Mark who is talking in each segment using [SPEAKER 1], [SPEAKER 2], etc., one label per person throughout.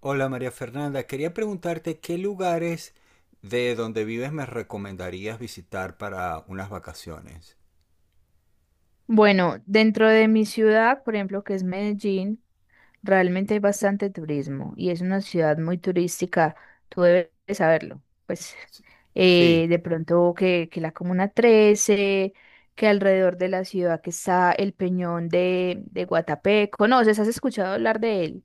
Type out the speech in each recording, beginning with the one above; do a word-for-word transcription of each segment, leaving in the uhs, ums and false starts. [SPEAKER 1] Hola María Fernanda, quería preguntarte qué lugares de donde vives me recomendarías visitar para unas vacaciones.
[SPEAKER 2] Bueno, dentro de mi ciudad, por ejemplo, que es Medellín, realmente hay bastante turismo y es una ciudad muy turística. Tú debes saberlo. Pues eh,
[SPEAKER 1] Sí.
[SPEAKER 2] de pronto que, que la Comuna trece, que alrededor de la ciudad que está el Peñón de, de Guatapé. ¿Conoces? ¿Has escuchado hablar de él?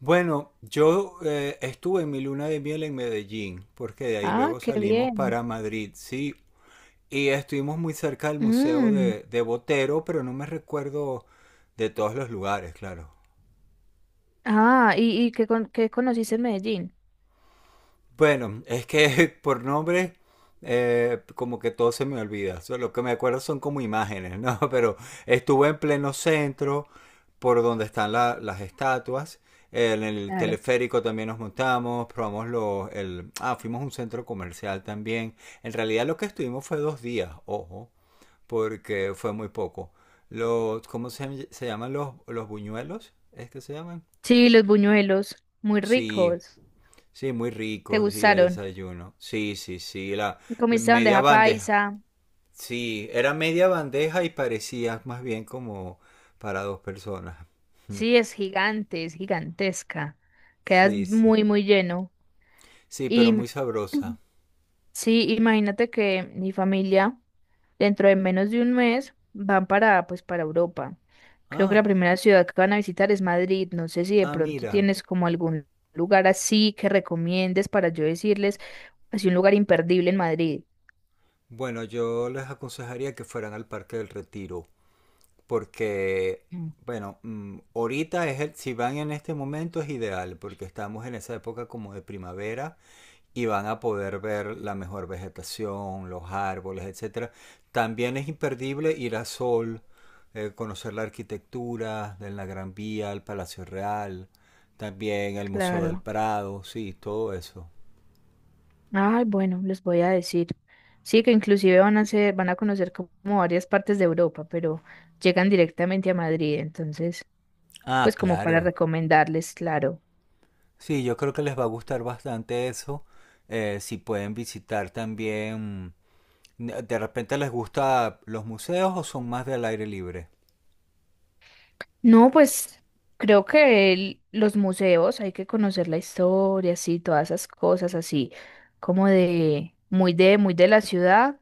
[SPEAKER 1] Bueno, yo eh, estuve en mi luna de miel en Medellín, porque de ahí
[SPEAKER 2] Ah,
[SPEAKER 1] luego
[SPEAKER 2] qué
[SPEAKER 1] salimos
[SPEAKER 2] bien.
[SPEAKER 1] para Madrid, sí. Y estuvimos muy cerca del Museo
[SPEAKER 2] Mm,
[SPEAKER 1] de, de Botero, pero no me recuerdo de todos los lugares, claro.
[SPEAKER 2] Ah, ¿y, y qué, con- qué conociste en Medellín?
[SPEAKER 1] Bueno, es que por nombre, eh, como que todo se me olvida. So, lo que me acuerdo son como imágenes, ¿no? Pero estuve en pleno centro, por donde están la- las estatuas. En el
[SPEAKER 2] Claro.
[SPEAKER 1] teleférico también nos montamos, probamos los... El, ah, fuimos a un centro comercial también. En realidad lo que estuvimos fue dos días, ojo, porque fue muy poco. Los, ¿cómo se, se llaman los, los buñuelos? ¿Es que se llaman?
[SPEAKER 2] Sí, los buñuelos, muy
[SPEAKER 1] Sí.
[SPEAKER 2] ricos.
[SPEAKER 1] Sí, muy
[SPEAKER 2] ¿Te
[SPEAKER 1] rico, sí, de
[SPEAKER 2] gustaron?
[SPEAKER 1] desayuno. Sí, sí, sí, la, la
[SPEAKER 2] Comiste
[SPEAKER 1] media
[SPEAKER 2] bandeja
[SPEAKER 1] bandeja.
[SPEAKER 2] paisa.
[SPEAKER 1] Sí, era media bandeja y parecía más bien como para dos personas.
[SPEAKER 2] Sí, es gigante, es gigantesca. Quedas
[SPEAKER 1] Sí, sí.
[SPEAKER 2] muy, muy lleno.
[SPEAKER 1] Sí, pero
[SPEAKER 2] Y
[SPEAKER 1] muy sabrosa.
[SPEAKER 2] sí, imagínate que mi familia, dentro de menos de un mes, van para, pues, para Europa. Creo que la
[SPEAKER 1] Ah,
[SPEAKER 2] primera ciudad que van a visitar es Madrid. No sé si de
[SPEAKER 1] ah,
[SPEAKER 2] pronto
[SPEAKER 1] mira.
[SPEAKER 2] tienes como algún lugar así que recomiendes para yo decirles, así un lugar imperdible en Madrid.
[SPEAKER 1] Bueno, yo les aconsejaría que fueran al Parque del Retiro, porque,
[SPEAKER 2] Mm.
[SPEAKER 1] bueno, mm, ahorita es el, si van en este momento es ideal, porque estamos en esa época como de primavera y van a poder ver la mejor vegetación, los árboles, etcétera. También es imperdible ir a Sol, eh, conocer la arquitectura de la Gran Vía, el Palacio Real, también el Museo del
[SPEAKER 2] Claro.
[SPEAKER 1] Prado, sí, todo eso.
[SPEAKER 2] Ay, bueno, les voy a decir. Sí, que inclusive van a ser, van a conocer como varias partes de Europa, pero llegan directamente a Madrid, entonces,
[SPEAKER 1] Ah,
[SPEAKER 2] pues como para
[SPEAKER 1] claro.
[SPEAKER 2] recomendarles, claro.
[SPEAKER 1] Sí, yo creo que les va a gustar bastante eso. Eh, si pueden visitar también, de repente les gusta los museos o son más del aire libre.
[SPEAKER 2] No, pues creo que el- los museos hay que conocer la historia, sí, todas esas cosas así, como de muy de muy de la ciudad,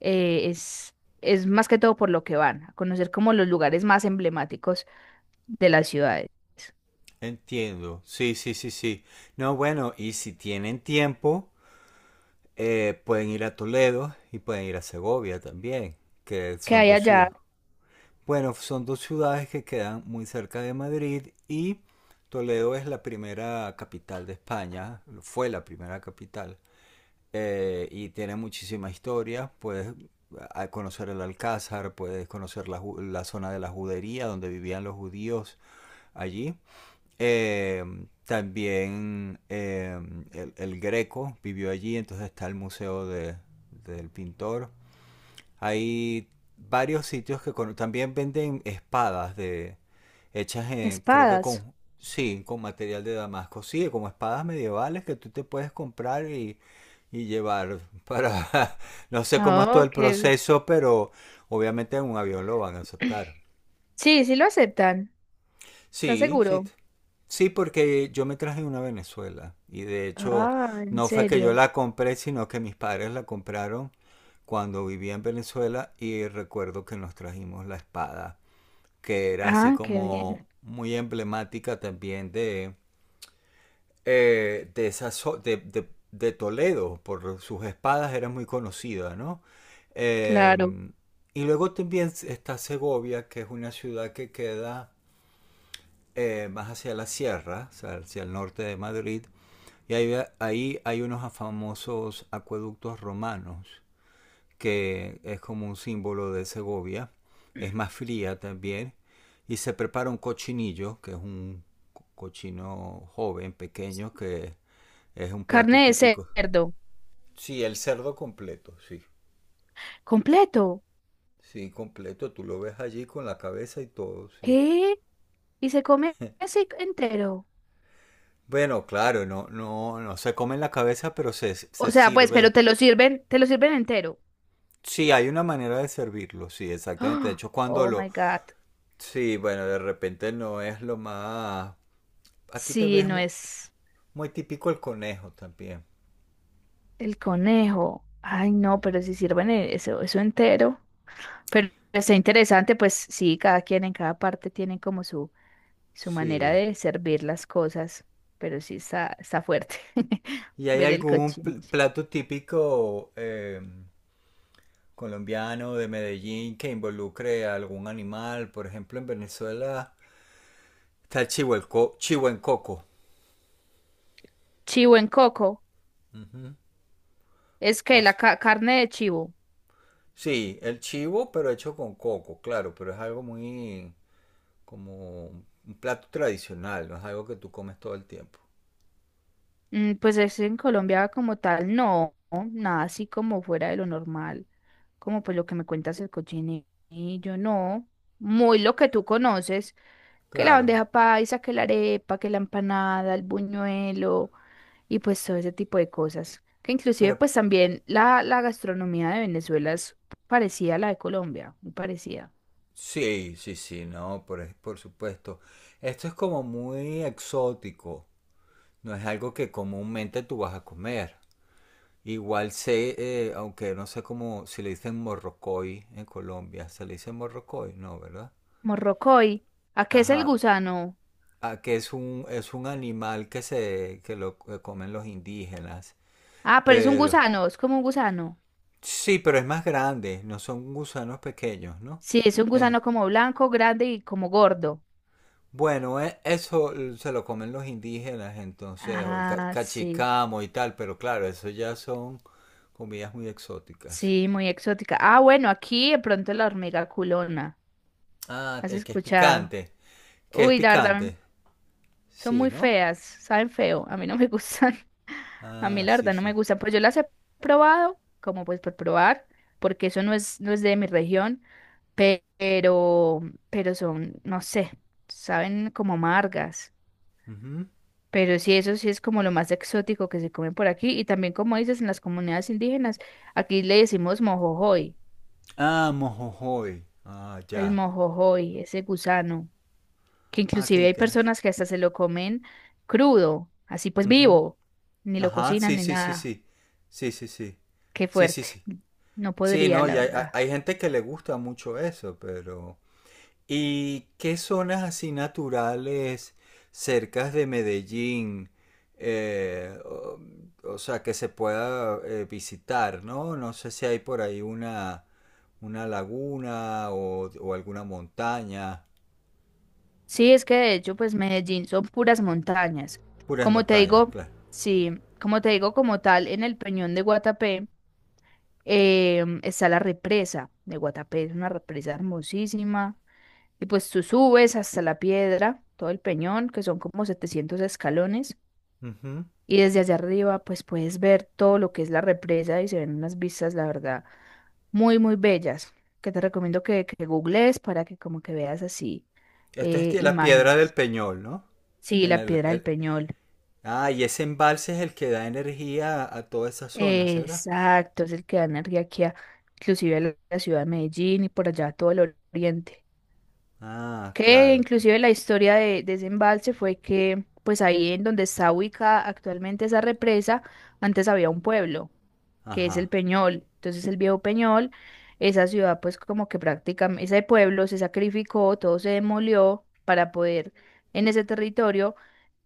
[SPEAKER 2] eh, es es más que todo por lo que van a conocer como los lugares más emblemáticos de las ciudades.
[SPEAKER 1] Entiendo. Sí, sí, sí, sí. No, bueno, y si tienen tiempo, eh, pueden ir a Toledo y pueden ir a Segovia también, que
[SPEAKER 2] Que
[SPEAKER 1] son
[SPEAKER 2] hay
[SPEAKER 1] dos
[SPEAKER 2] allá
[SPEAKER 1] ciudades. Bueno, son dos ciudades que quedan muy cerca de Madrid y Toledo es la primera capital de España, fue la primera capital eh, y tiene muchísima historia. Puedes conocer el Alcázar, puedes conocer la, la zona de la judería donde vivían los judíos allí. Eh, también eh, el, el Greco vivió allí, entonces está el Museo de- del Pintor. Hay varios sitios que con- también venden espadas de hechas en, creo que
[SPEAKER 2] espadas.
[SPEAKER 1] con, sí, con material de Damasco, sí, como espadas medievales que tú te puedes comprar y, y llevar para, no sé cómo es
[SPEAKER 2] Ah,
[SPEAKER 1] todo el
[SPEAKER 2] ok.
[SPEAKER 1] proceso, pero obviamente en un avión lo van a aceptar.
[SPEAKER 2] Sí, sí lo aceptan. ¿Estás
[SPEAKER 1] Sí, sí.
[SPEAKER 2] seguro?
[SPEAKER 1] t- Sí, porque yo me traje una a Venezuela y de hecho
[SPEAKER 2] Ah, en
[SPEAKER 1] no fue que yo
[SPEAKER 2] serio.
[SPEAKER 1] la compré, sino que mis padres la compraron cuando vivía en Venezuela y recuerdo que nos trajimos la espada, que era así
[SPEAKER 2] Ah, qué bien.
[SPEAKER 1] como muy emblemática también de, eh, de, esa zo- de, de- de Toledo, por sus espadas era muy conocida, ¿no?
[SPEAKER 2] Claro.
[SPEAKER 1] Em, y luego también está Segovia, que es una ciudad que queda eh, más hacia la sierra, o sea, hacia el norte de Madrid, y ahí, ahí hay unos famosos acueductos romanos, que es como un símbolo de Segovia, es más fría también, y se prepara un cochinillo, que es un cochino joven, pequeño, que es un plato
[SPEAKER 2] Carne de
[SPEAKER 1] típico.
[SPEAKER 2] cerdo.
[SPEAKER 1] Sí, el cerdo completo, sí.
[SPEAKER 2] Completo.
[SPEAKER 1] Sí, completo, tú lo ves allí con la cabeza y todo, sí.
[SPEAKER 2] ¿Qué? ¿Y se come así entero?
[SPEAKER 1] Bueno, claro, no, no, no se come en la cabeza, pero se,
[SPEAKER 2] O
[SPEAKER 1] se
[SPEAKER 2] sea, pues, pero
[SPEAKER 1] sirve.
[SPEAKER 2] te lo sirven, te lo sirven entero.
[SPEAKER 1] Sí, hay una manera de servirlo, sí, exactamente. De
[SPEAKER 2] Ah,
[SPEAKER 1] hecho, cuando
[SPEAKER 2] Oh,
[SPEAKER 1] lo...
[SPEAKER 2] my God.
[SPEAKER 1] Sí, bueno, de repente no es lo más... Aquí tal vez
[SPEAKER 2] Sí,
[SPEAKER 1] es
[SPEAKER 2] no
[SPEAKER 1] mu-
[SPEAKER 2] es
[SPEAKER 1] muy, típico el conejo también.
[SPEAKER 2] el conejo. Ay, no, pero si sirven e- eso, eso entero. Pero está interesante, pues sí, cada quien en cada parte tiene como su su manera
[SPEAKER 1] Sí.
[SPEAKER 2] de servir las cosas, pero sí está, está fuerte
[SPEAKER 1] ¿Y hay
[SPEAKER 2] ver el
[SPEAKER 1] algún pl-
[SPEAKER 2] cochinillo.
[SPEAKER 1] plato típico eh, colombiano de Medellín que involucre a algún animal? Por ejemplo, en Venezuela está el chivo, el co- chivo en coco.
[SPEAKER 2] Chivo en coco, es
[SPEAKER 1] O
[SPEAKER 2] que
[SPEAKER 1] s-
[SPEAKER 2] la ca- carne de chivo.
[SPEAKER 1] sí, el chivo, pero hecho con coco, claro, pero es algo muy... como un plato tradicional, no es algo que tú comes todo el tiempo.
[SPEAKER 2] Mm, pues es en Colombia como tal, no, no, nada así como fuera de lo normal, como pues lo que me cuentas el cochinillo, no, muy lo que tú conoces, que la
[SPEAKER 1] Claro,
[SPEAKER 2] bandeja paisa, que la arepa, que la empanada, el buñuelo, y pues todo ese tipo de cosas. Que inclusive
[SPEAKER 1] pero
[SPEAKER 2] pues también la, la gastronomía de Venezuela es parecida a la de Colombia, muy parecida.
[SPEAKER 1] sí, sí, sí, no, por, por supuesto. Esto es como muy exótico, no es algo que comúnmente tú vas a comer. Igual sé, eh, aunque no sé cómo, si le dicen morrocoy en Colombia, se le dice morrocoy, no, ¿verdad?
[SPEAKER 2] Morrocoy, ¿a qué es el
[SPEAKER 1] Ajá,
[SPEAKER 2] gusano?
[SPEAKER 1] ah, que es un, es un animal que se, que lo que comen los indígenas,
[SPEAKER 2] Ah, pero es un
[SPEAKER 1] pero
[SPEAKER 2] gusano, es como un gusano.
[SPEAKER 1] sí, pero es más grande, no son gusanos pequeños, ¿no?
[SPEAKER 2] Sí, es un
[SPEAKER 1] Eh,
[SPEAKER 2] gusano como blanco, grande y como gordo.
[SPEAKER 1] bueno, e- eso eh, se lo comen los indígenas, entonces, o el ca-
[SPEAKER 2] Ah, sí,
[SPEAKER 1] cachicamo y tal, pero claro, eso ya son comidas muy exóticas.
[SPEAKER 2] sí, muy exótica. Ah, bueno, aquí de pronto la hormiga culona,
[SPEAKER 1] Ah,
[SPEAKER 2] ¿has
[SPEAKER 1] te- que es
[SPEAKER 2] escuchado?
[SPEAKER 1] picante, que es
[SPEAKER 2] Uy, la verdad,
[SPEAKER 1] picante,
[SPEAKER 2] son
[SPEAKER 1] sí,
[SPEAKER 2] muy
[SPEAKER 1] ¿no?
[SPEAKER 2] feas, saben feo, a mí no me gustan. A mí
[SPEAKER 1] Ah,
[SPEAKER 2] la
[SPEAKER 1] sí,
[SPEAKER 2] verdad no
[SPEAKER 1] sí.
[SPEAKER 2] me gusta, pues yo las he probado, como pues por probar, porque eso no es, no es de mi región, pe- pero, pero son, no sé, saben como amargas.
[SPEAKER 1] Ujú.
[SPEAKER 2] Pero sí, eso sí es como lo más exótico que se come por aquí. Y también, como dices, en las comunidades indígenas, aquí le decimos mojojoy,
[SPEAKER 1] Ah, mojojoy. Ah,
[SPEAKER 2] el
[SPEAKER 1] ya.
[SPEAKER 2] mojojoy, ese gusano, que
[SPEAKER 1] Ah, qué
[SPEAKER 2] inclusive hay
[SPEAKER 1] interesante.
[SPEAKER 2] personas que hasta se lo comen crudo, así pues vivo, ni lo
[SPEAKER 1] Ajá,
[SPEAKER 2] cocinan
[SPEAKER 1] sí,
[SPEAKER 2] ni
[SPEAKER 1] sí, sí,
[SPEAKER 2] nada.
[SPEAKER 1] sí. Sí, sí, sí.
[SPEAKER 2] Qué
[SPEAKER 1] Sí, sí,
[SPEAKER 2] fuerte.
[SPEAKER 1] sí.
[SPEAKER 2] No
[SPEAKER 1] Sí,
[SPEAKER 2] podría,
[SPEAKER 1] no,
[SPEAKER 2] la
[SPEAKER 1] y hay, hay-
[SPEAKER 2] verdad.
[SPEAKER 1] hay gente que le gusta mucho eso, pero... ¿Y qué zonas así naturales cercas de Medellín? eh, o, o sea, que se pueda eh, visitar, ¿no? No sé si hay por ahí una, una laguna o, o alguna montaña.
[SPEAKER 2] Sí, es que de hecho, pues Medellín son puras montañas.
[SPEAKER 1] Puras
[SPEAKER 2] Como te
[SPEAKER 1] montañas,
[SPEAKER 2] digo,
[SPEAKER 1] claro.
[SPEAKER 2] sí, como te digo, como tal, en el Peñón de Guatapé em, está la represa de Guatapé, es una represa hermosísima. Y pues tú subes hasta la piedra, todo el peñón, que son como setecientos escalones,
[SPEAKER 1] Ujú.
[SPEAKER 2] y desde allá arriba, pues puedes ver todo lo que es la represa y se ven unas vistas, la verdad, muy, muy bellas, que te recomiendo que, que googlees para que como que veas así
[SPEAKER 1] Esto es
[SPEAKER 2] eh,
[SPEAKER 1] de la Piedra del
[SPEAKER 2] imágenes.
[SPEAKER 1] Peñol, ¿no?
[SPEAKER 2] Sí,
[SPEAKER 1] En
[SPEAKER 2] la
[SPEAKER 1] el,
[SPEAKER 2] piedra del
[SPEAKER 1] el-
[SPEAKER 2] Peñol.
[SPEAKER 1] Ah, y ese embalse es el que da energía a toda esa zona, ¿será?
[SPEAKER 2] Exacto, es el que da energía aquí, a- inclusive a la la ciudad de Medellín y por allá a todo el oriente.
[SPEAKER 1] Ah,
[SPEAKER 2] Que
[SPEAKER 1] claro. cl-
[SPEAKER 2] inclusive la historia de, de ese embalse fue que, pues ahí en donde está ubicada actualmente esa represa, antes había un pueblo, que es
[SPEAKER 1] Ajá.
[SPEAKER 2] el Peñol. Entonces el viejo Peñol, esa ciudad pues como que prácticamente, ese pueblo se sacrificó, todo se demolió para poder en ese territorio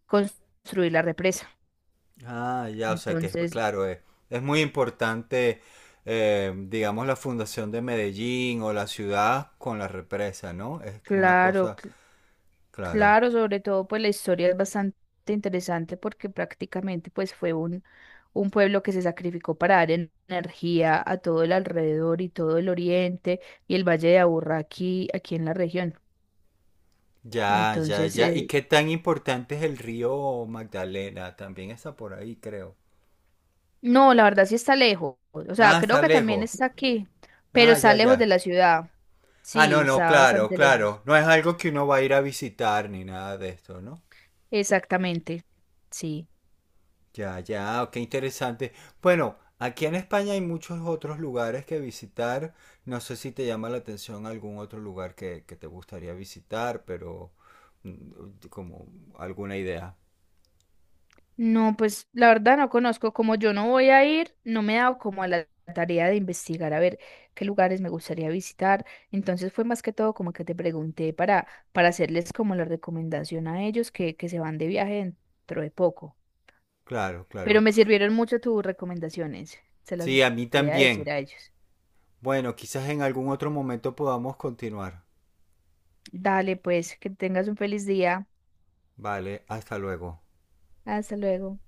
[SPEAKER 2] construir la represa.
[SPEAKER 1] Ah, ya, o sea que es,
[SPEAKER 2] Entonces...
[SPEAKER 1] claro, es, es muy importante, eh, digamos, la fundación de Medellín o la ciudad con la represa, ¿no? Es una
[SPEAKER 2] Claro,
[SPEAKER 1] cosa, claro.
[SPEAKER 2] claro, sobre todo pues la historia es bastante interesante porque prácticamente pues fue un, un pueblo que se sacrificó para dar en- energía a todo el alrededor y todo el oriente y el Valle de Aburrá aquí, aquí en la región.
[SPEAKER 1] Ya, ya,
[SPEAKER 2] Entonces,
[SPEAKER 1] ya. ¿Y
[SPEAKER 2] eh,
[SPEAKER 1] qué tan importante es el río Magdalena? También está por ahí, creo.
[SPEAKER 2] no, la verdad sí está lejos. O sea,
[SPEAKER 1] Ah,
[SPEAKER 2] creo
[SPEAKER 1] está
[SPEAKER 2] que también
[SPEAKER 1] lejos.
[SPEAKER 2] está aquí, pero
[SPEAKER 1] Ah,
[SPEAKER 2] está
[SPEAKER 1] ya,
[SPEAKER 2] lejos de
[SPEAKER 1] ya.
[SPEAKER 2] la ciudad.
[SPEAKER 1] Ah,
[SPEAKER 2] Sí,
[SPEAKER 1] no, no,
[SPEAKER 2] está
[SPEAKER 1] claro,
[SPEAKER 2] bastante
[SPEAKER 1] claro.
[SPEAKER 2] lejos.
[SPEAKER 1] No es algo que uno va a ir a visitar ni nada de esto, ¿no?
[SPEAKER 2] Exactamente. Sí.
[SPEAKER 1] Ya, ya, qué interesante. Bueno, aquí en España hay muchos otros lugares que visitar. No sé si te llama la atención algún otro lugar que, que te gustaría visitar, pero mm, como alguna idea.
[SPEAKER 2] No, pues la verdad no conozco, como yo no voy a ir, no me he dado como a la tarea de investigar a ver qué lugares me gustaría visitar. Entonces fue más que todo como que te pregunté para, para hacerles como la recomendación a ellos que, que se van de viaje dentro de poco.
[SPEAKER 1] Claro,
[SPEAKER 2] Pero
[SPEAKER 1] claro.
[SPEAKER 2] me sirvieron mucho tus recomendaciones, se las
[SPEAKER 1] Sí, a mí
[SPEAKER 2] voy a
[SPEAKER 1] también.
[SPEAKER 2] decir a ellos.
[SPEAKER 1] Bueno, quizás en algún otro momento podamos continuar.
[SPEAKER 2] Dale, pues, que tengas un feliz día.
[SPEAKER 1] Vale, hasta luego.
[SPEAKER 2] Hasta luego.